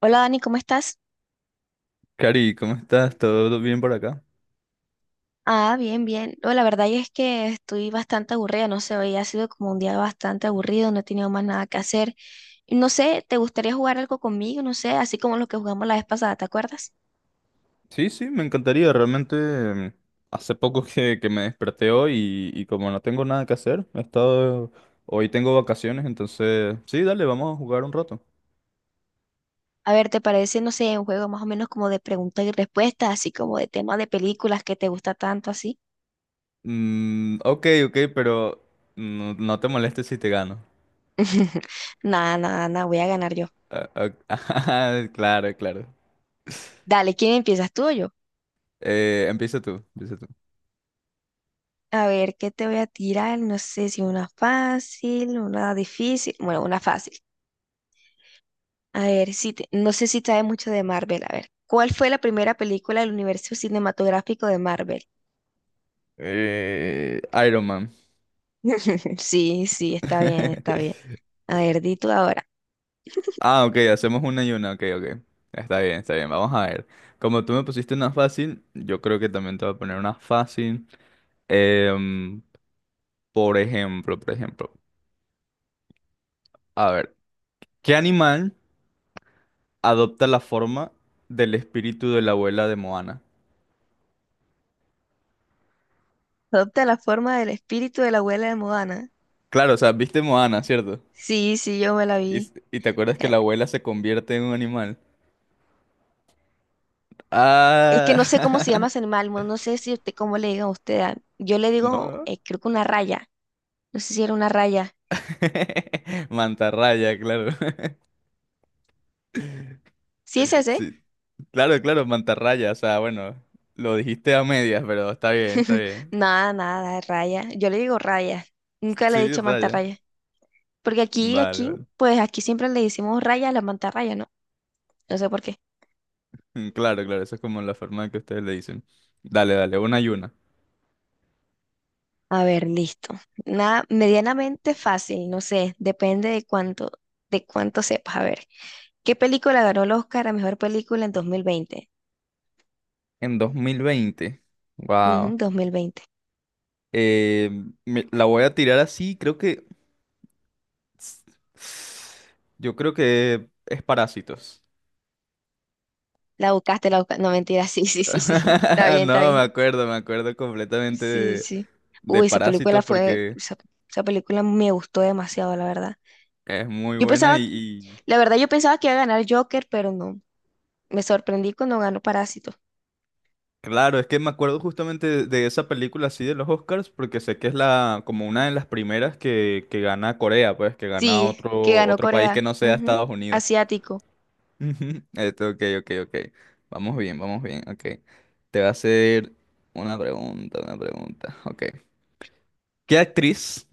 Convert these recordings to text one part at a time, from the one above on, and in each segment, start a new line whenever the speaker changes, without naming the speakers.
Hola Dani, ¿cómo estás?
Cari, ¿cómo estás? ¿Todo bien por acá?
Ah, bien, bien. No, la verdad es que estoy bastante aburrida, no sé, hoy ha sido como un día bastante aburrido, no he tenido más nada que hacer. Y no sé, ¿te gustaría jugar algo conmigo? No sé, así como lo que jugamos la vez pasada, ¿te acuerdas?
Sí, sí, me encantaría. Realmente hace poco que me desperté hoy y como no tengo nada que hacer, he estado... Hoy tengo vacaciones, entonces... Sí, dale, vamos a jugar un rato.
A ver, ¿te parece, no sé, un juego más o menos como de preguntas y respuestas, así como de temas de películas que te gusta tanto, así?
Mm, ok, ok, pero no, no te molestes si te gano.
Nada, nada, nada, voy a ganar yo.
Ah, ah, claro, claro.
Dale, ¿quién empiezas, tú o yo?
Empieza tú, empieza tú.
A ver, ¿qué te voy a tirar? No sé si una fácil, una difícil, bueno, una fácil. A ver, no sé si sabe mucho de Marvel. A ver, ¿cuál fue la primera película del universo cinematográfico de Marvel?
Eh, Iron Man.
Sí, sí, está bien, está bien. A ver, di tú ahora.
Ah, ok, hacemos una y una, ok, ok. Está bien, vamos a ver. Como tú me pusiste una fácil, yo creo que también te voy a poner una fácil. Em, por ejemplo, a ver, ¿qué animal adopta la forma del espíritu de la abuela de Moana?
¿Adopta la forma del espíritu de la abuela de Moana?
Claro, o sea, viste Moana, ¿cierto?
Sí, sí, yo me la
Y,
vi.
y te acuerdas que
Eh,
la abuela se convierte en un animal.
Es que no sé cómo se llama
Ah,
ese animal, no sé si usted, cómo le digan a usted. Ah, yo le
no,
digo,
no.
creo que una raya. No sé si era una raya.
Mantarraya, claro.
¿Sí es ese?
Sí. Claro, claro, mantarraya. O sea, bueno, lo dijiste a medias, pero está bien, está bien.
Nada, nada, raya. Yo le digo raya. Nunca le he
Sí,
dicho
raya.
mantarraya. Porque aquí,
Vale,
aquí,
vale.
pues aquí siempre le decimos raya a la mantarraya, ¿no? No sé por qué.
Claro, claro, eso es como la forma que ustedes le dicen. Dale, dale, una y una.
A ver, listo. Nada, medianamente fácil, no sé, depende de cuánto sepas. A ver, ¿qué película ganó el Oscar a mejor película en 2020?
En 2020,
Ujú,
wow,
2020.
la voy a tirar así, creo que. Yo creo que es parásitos.
La buscaste, la buscaste. No, mentira, sí, sí, sí, sí. Está bien, está
No,
bien.
me acuerdo completamente
Sí, sí.
de
Uy, esa película
parásitos
fue,
porque
esa película me gustó demasiado, la verdad.
es muy
Yo
buena
pensaba, que-
y,
la verdad, yo pensaba que iba a ganar Joker, pero no. Me sorprendí cuando ganó Parásito.
claro, es que me acuerdo justamente de esa película así de los Oscars, porque sé que es la, como una de las primeras que gana Corea, pues, que gana
Sí, que ganó
otro país que
Corea.
no sea
Ujú,
Estados Unidos.
Asiático.
Ujú. Esto, ok, ok, ok. Vamos bien, ok. Te voy a hacer una pregunta, ok. ¿Qué actriz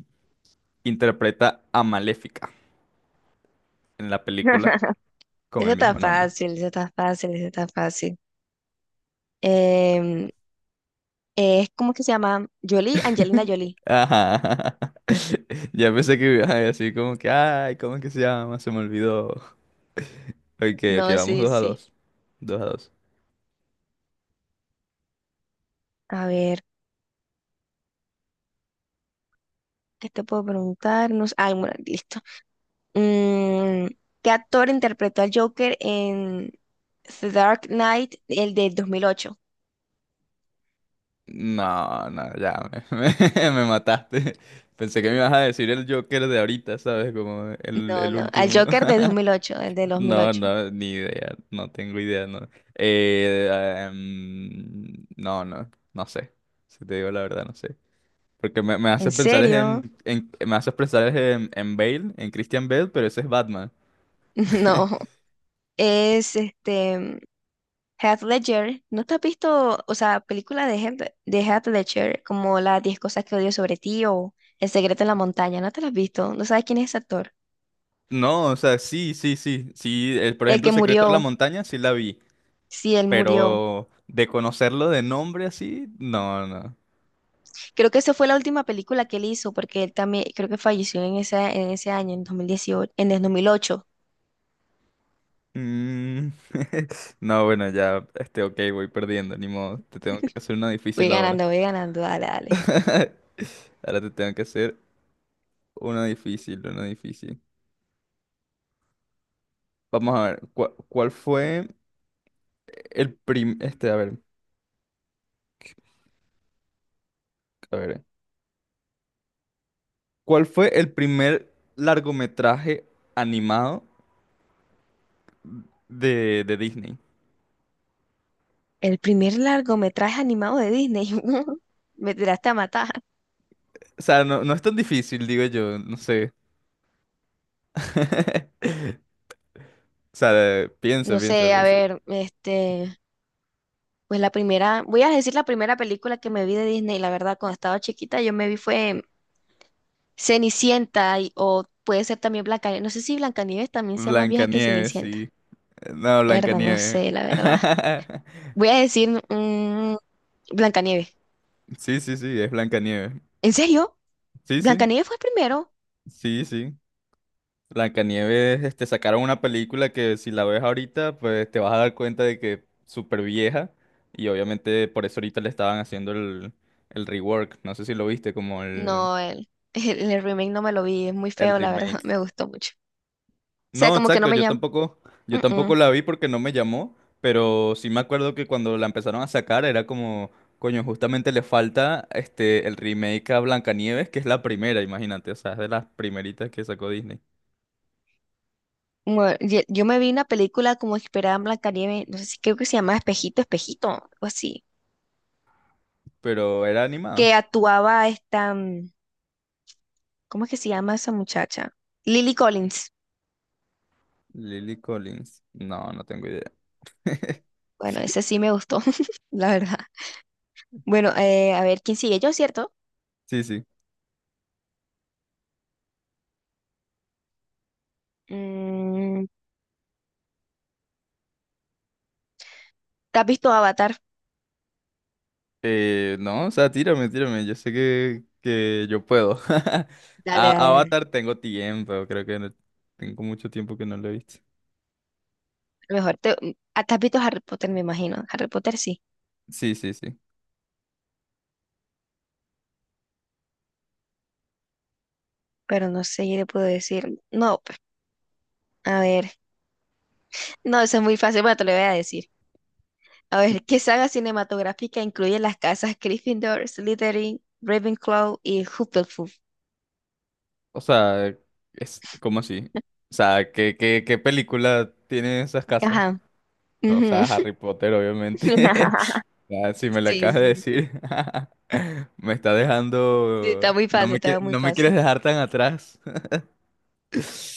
interpreta a Maléfica en la película con
Eso
el
está
mismo nombre?
fácil, eso está fácil, eso está fácil. Em, es como que se llama Jolie, Angelina Jolie.
Ajá. Ya pensé que iba a decir como que, ay, ¿cómo es que se llama? Se me olvidó. Ok, ok,
No,
vamos
sí,
dos a
sí.
dos. Dos a dos.
A ver, ¿qué te puedo preguntar? No sé- Bueno, listo. Mm, ¿Qué actor interpretó al Joker en The Dark Knight, el del 2008?
No, no, ya me, me mataste. Pensé que me ibas a decir el Joker de ahorita, ¿sabes? Como
No,
el
no, al
último.
Joker de del 2008, el del dos mil
No,
ocho.
no, ni idea. No tengo idea, no. Eh, no, no, no sé. Si te digo la verdad, no sé. Porque me
¿En
haces pensar es
serio?
en, me haces pensar es en Bale, en Christian Bale, pero ese es Batman.
No, es este. Heath Ledger, ¿no te has visto, o sea, película de Heath Ledger como las 10 cosas que odio sobre ti o El secreto en la montaña? ¿No te las has visto? ¿No sabes quién es ese actor?
No, o sea, sí, sí, sí. Sí, por
El
ejemplo,
que
Secreto de la
murió,
Montaña, sí la vi.
sí, él murió.
Pero de conocerlo de nombre así, no, no.
Creo que esa fue la última película que él hizo porque él también, creo que falleció en ese año, en 2018, en el 2008.
Mm, no, bueno, ya, este, ok, voy perdiendo, ni modo. Te tengo que hacer una difícil ahora.
Voy ganando, dale, dale.
Ahora te tengo que hacer una difícil, una difícil. Vamos a ver, ¿cuál fue el a ver, ¿cuál fue el primer largometraje animado de Disney?
El primer largometraje animado de Disney. Me tiraste a matar.
O sea, no, no es tan difícil, digo yo, no sé. O sea,
No
piensa, piensa,
sé, a
piensa.
ver, este, pues la primera, voy a decir la primera película que me vi de Disney, la verdad, cuando estaba chiquita, yo me vi fue Cenicienta o puede ser también Blancanieves. No sé si Blancanieves también sea más vieja que
Blancanieves,
Cenicienta.
sí. No,
Verdad, no
Blancanieves.
sé, la verdad. Voy a decir Blancanieves.
Sí, sí, sí, es Blancanieves.
¿En serio?
Sí, sí,
¿Blancanieves fue el primero?
sí, sí. Blancanieves, este, sacaron una película que si la ves ahorita, pues te vas a dar cuenta de que es súper vieja. Y obviamente por eso ahorita le estaban haciendo el rework. No sé si lo viste, como
No, el, el remake no me lo vi, es muy
el
feo, la verdad,
remake.
me gustó mucho. O sea,
No,
como que no
exacto,
me llama.
yo
Mm,
tampoco
mm.
la vi porque no me llamó, pero sí me acuerdo que cuando la empezaron a sacar era como, coño, justamente le falta este el remake a Blancanieves, que es la primera, imagínate, o sea, es de las primeritas que sacó Disney,
Bueno, yo me vi una película como inspirada en Blancanieves, no sé si creo que se llama Espejito, Espejito, o así,
pero era
que
animada.
actuaba esta, ¿cómo es que se llama esa muchacha? Lily Collins.
Lily Collins, no, no tengo idea.
Bueno, ese sí me gustó, la verdad. Bueno, a ver, ¿quién sigue? Yo, ¿cierto?
Sí, sí.
Mm, ¿Te has visto Avatar?
No, o sea, tírame, tírame, yo sé que yo puedo.
Dale,
A
dale, dale.
Avatar tengo tiempo, creo que tengo mucho tiempo que no lo he visto.
Mejor te, mm, ah, Te has visto Harry Potter, me imagino. Harry Potter sí,
Sí, sí, sí.
pero no sé qué le puedo decir. No, pues, a ver. No, eso es muy fácil, pero te lo voy a decir. A ver, ¿qué saga cinematográfica incluye las casas Gryffindor, Slytherin, Ravenclaw y Hufflepuff?
O sea, es, ¿cómo así? O sea, ¿qué, qué película tiene esas casas?
Ajá.
O sea,
Ujú.
Harry Potter, obviamente. Ya, si me la
Sí,
acabas de
sí, sí,
decir, me está
sí, está
dejando...
muy
No
fácil,
me,
está muy
no me quieres
fácil.
dejar tan atrás.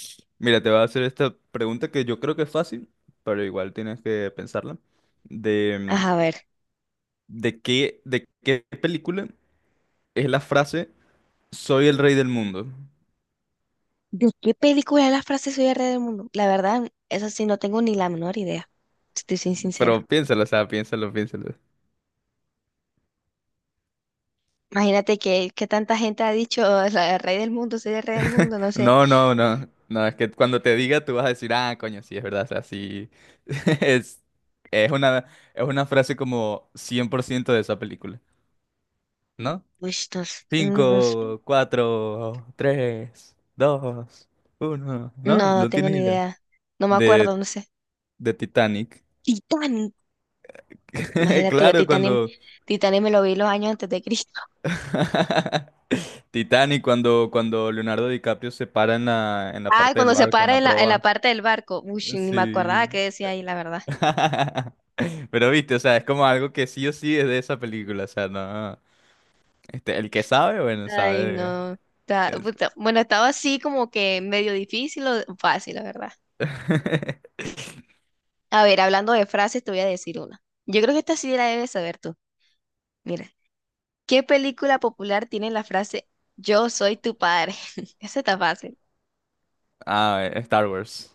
Mira, te voy a hacer esta pregunta que yo creo que es fácil, pero igual tienes que pensarla. De,
Ajá, a ver.
de qué película es la frase Soy el rey del mundo.
¿De qué película es la frase Soy el rey del mundo? La verdad, eso sí, no tengo ni la menor idea. Estoy sin sincera.
Pero piénsalo, o sea, piénsalo, piénsalo.
Imagínate que tanta gente ha dicho, o sea, el rey del mundo, soy el rey del mundo, no sé.
No, no, no. No, es que cuando te diga tú vas a decir, ah, coño, sí, es verdad. O sea, sí. Es, es una, es una frase como 100% de esa película, ¿no?
Uy, no, no,
Cinco, cuatro, tres, dos, uno. No,
no, no
no
tengo
tienes
ni
idea.
idea. No me
De,
acuerdo, no sé.
de Titanic.
Titanic. Imagínate yo,
Claro,
Titanic,
cuando.
Titanic me lo vi los años antes de Cristo.
Titanic, cuando, cuando Leonardo DiCaprio se para en la
Ah,
parte del
cuando se
barco, en
para
la
en la
proa.
parte del barco. Uy, sí, ni me
Sí.
acordaba qué decía ahí, la verdad.
Pero viste, o sea, es como algo que sí o sí es de esa película, o sea, no. Este, el que sabe, bueno,
Ay,
sabe
no. Puta, bueno, estaba así como que medio difícil o fácil, la verdad.
de...
A ver, hablando de frases, te voy a decir una. Yo creo que esta sí la debes saber tú. Mira. ¿Qué película popular tiene la frase Yo soy tu padre? Esa está fácil.
Star Wars.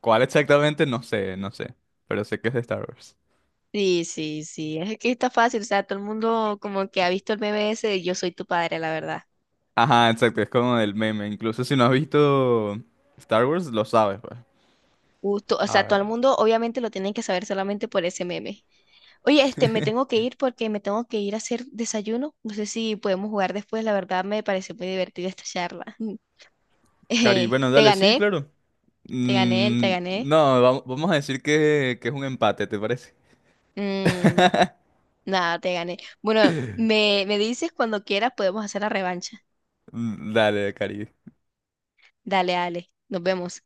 ¿Cuál exactamente? No sé, no sé, pero sé que es de Star Wars.
Sí, sí, sí, es que está fácil, o sea, todo el mundo como que ha visto el meme ese de Yo soy tu padre, la verdad.
Ajá, exacto, es como del meme, incluso si no has visto Star Wars, lo sabes, pues.
Justo, o
A
sea, todo
ver.
el mundo obviamente lo tiene que saber solamente por ese meme. Oye, este, me tengo que ir porque me tengo que ir a hacer desayuno. No sé si podemos jugar después, la verdad me pareció muy divertida esta charla.
Cari, bueno,
Te
dale, sí,
gané,
claro.
te gané, te
Mm,
gané.
no, vamos a decir que es un empate, ¿te parece?
Mm, Nada, te gané. Bueno, me dices cuando quieras podemos hacer la revancha.
Mm, dale, Cari.
Dale, dale. Nos vemos.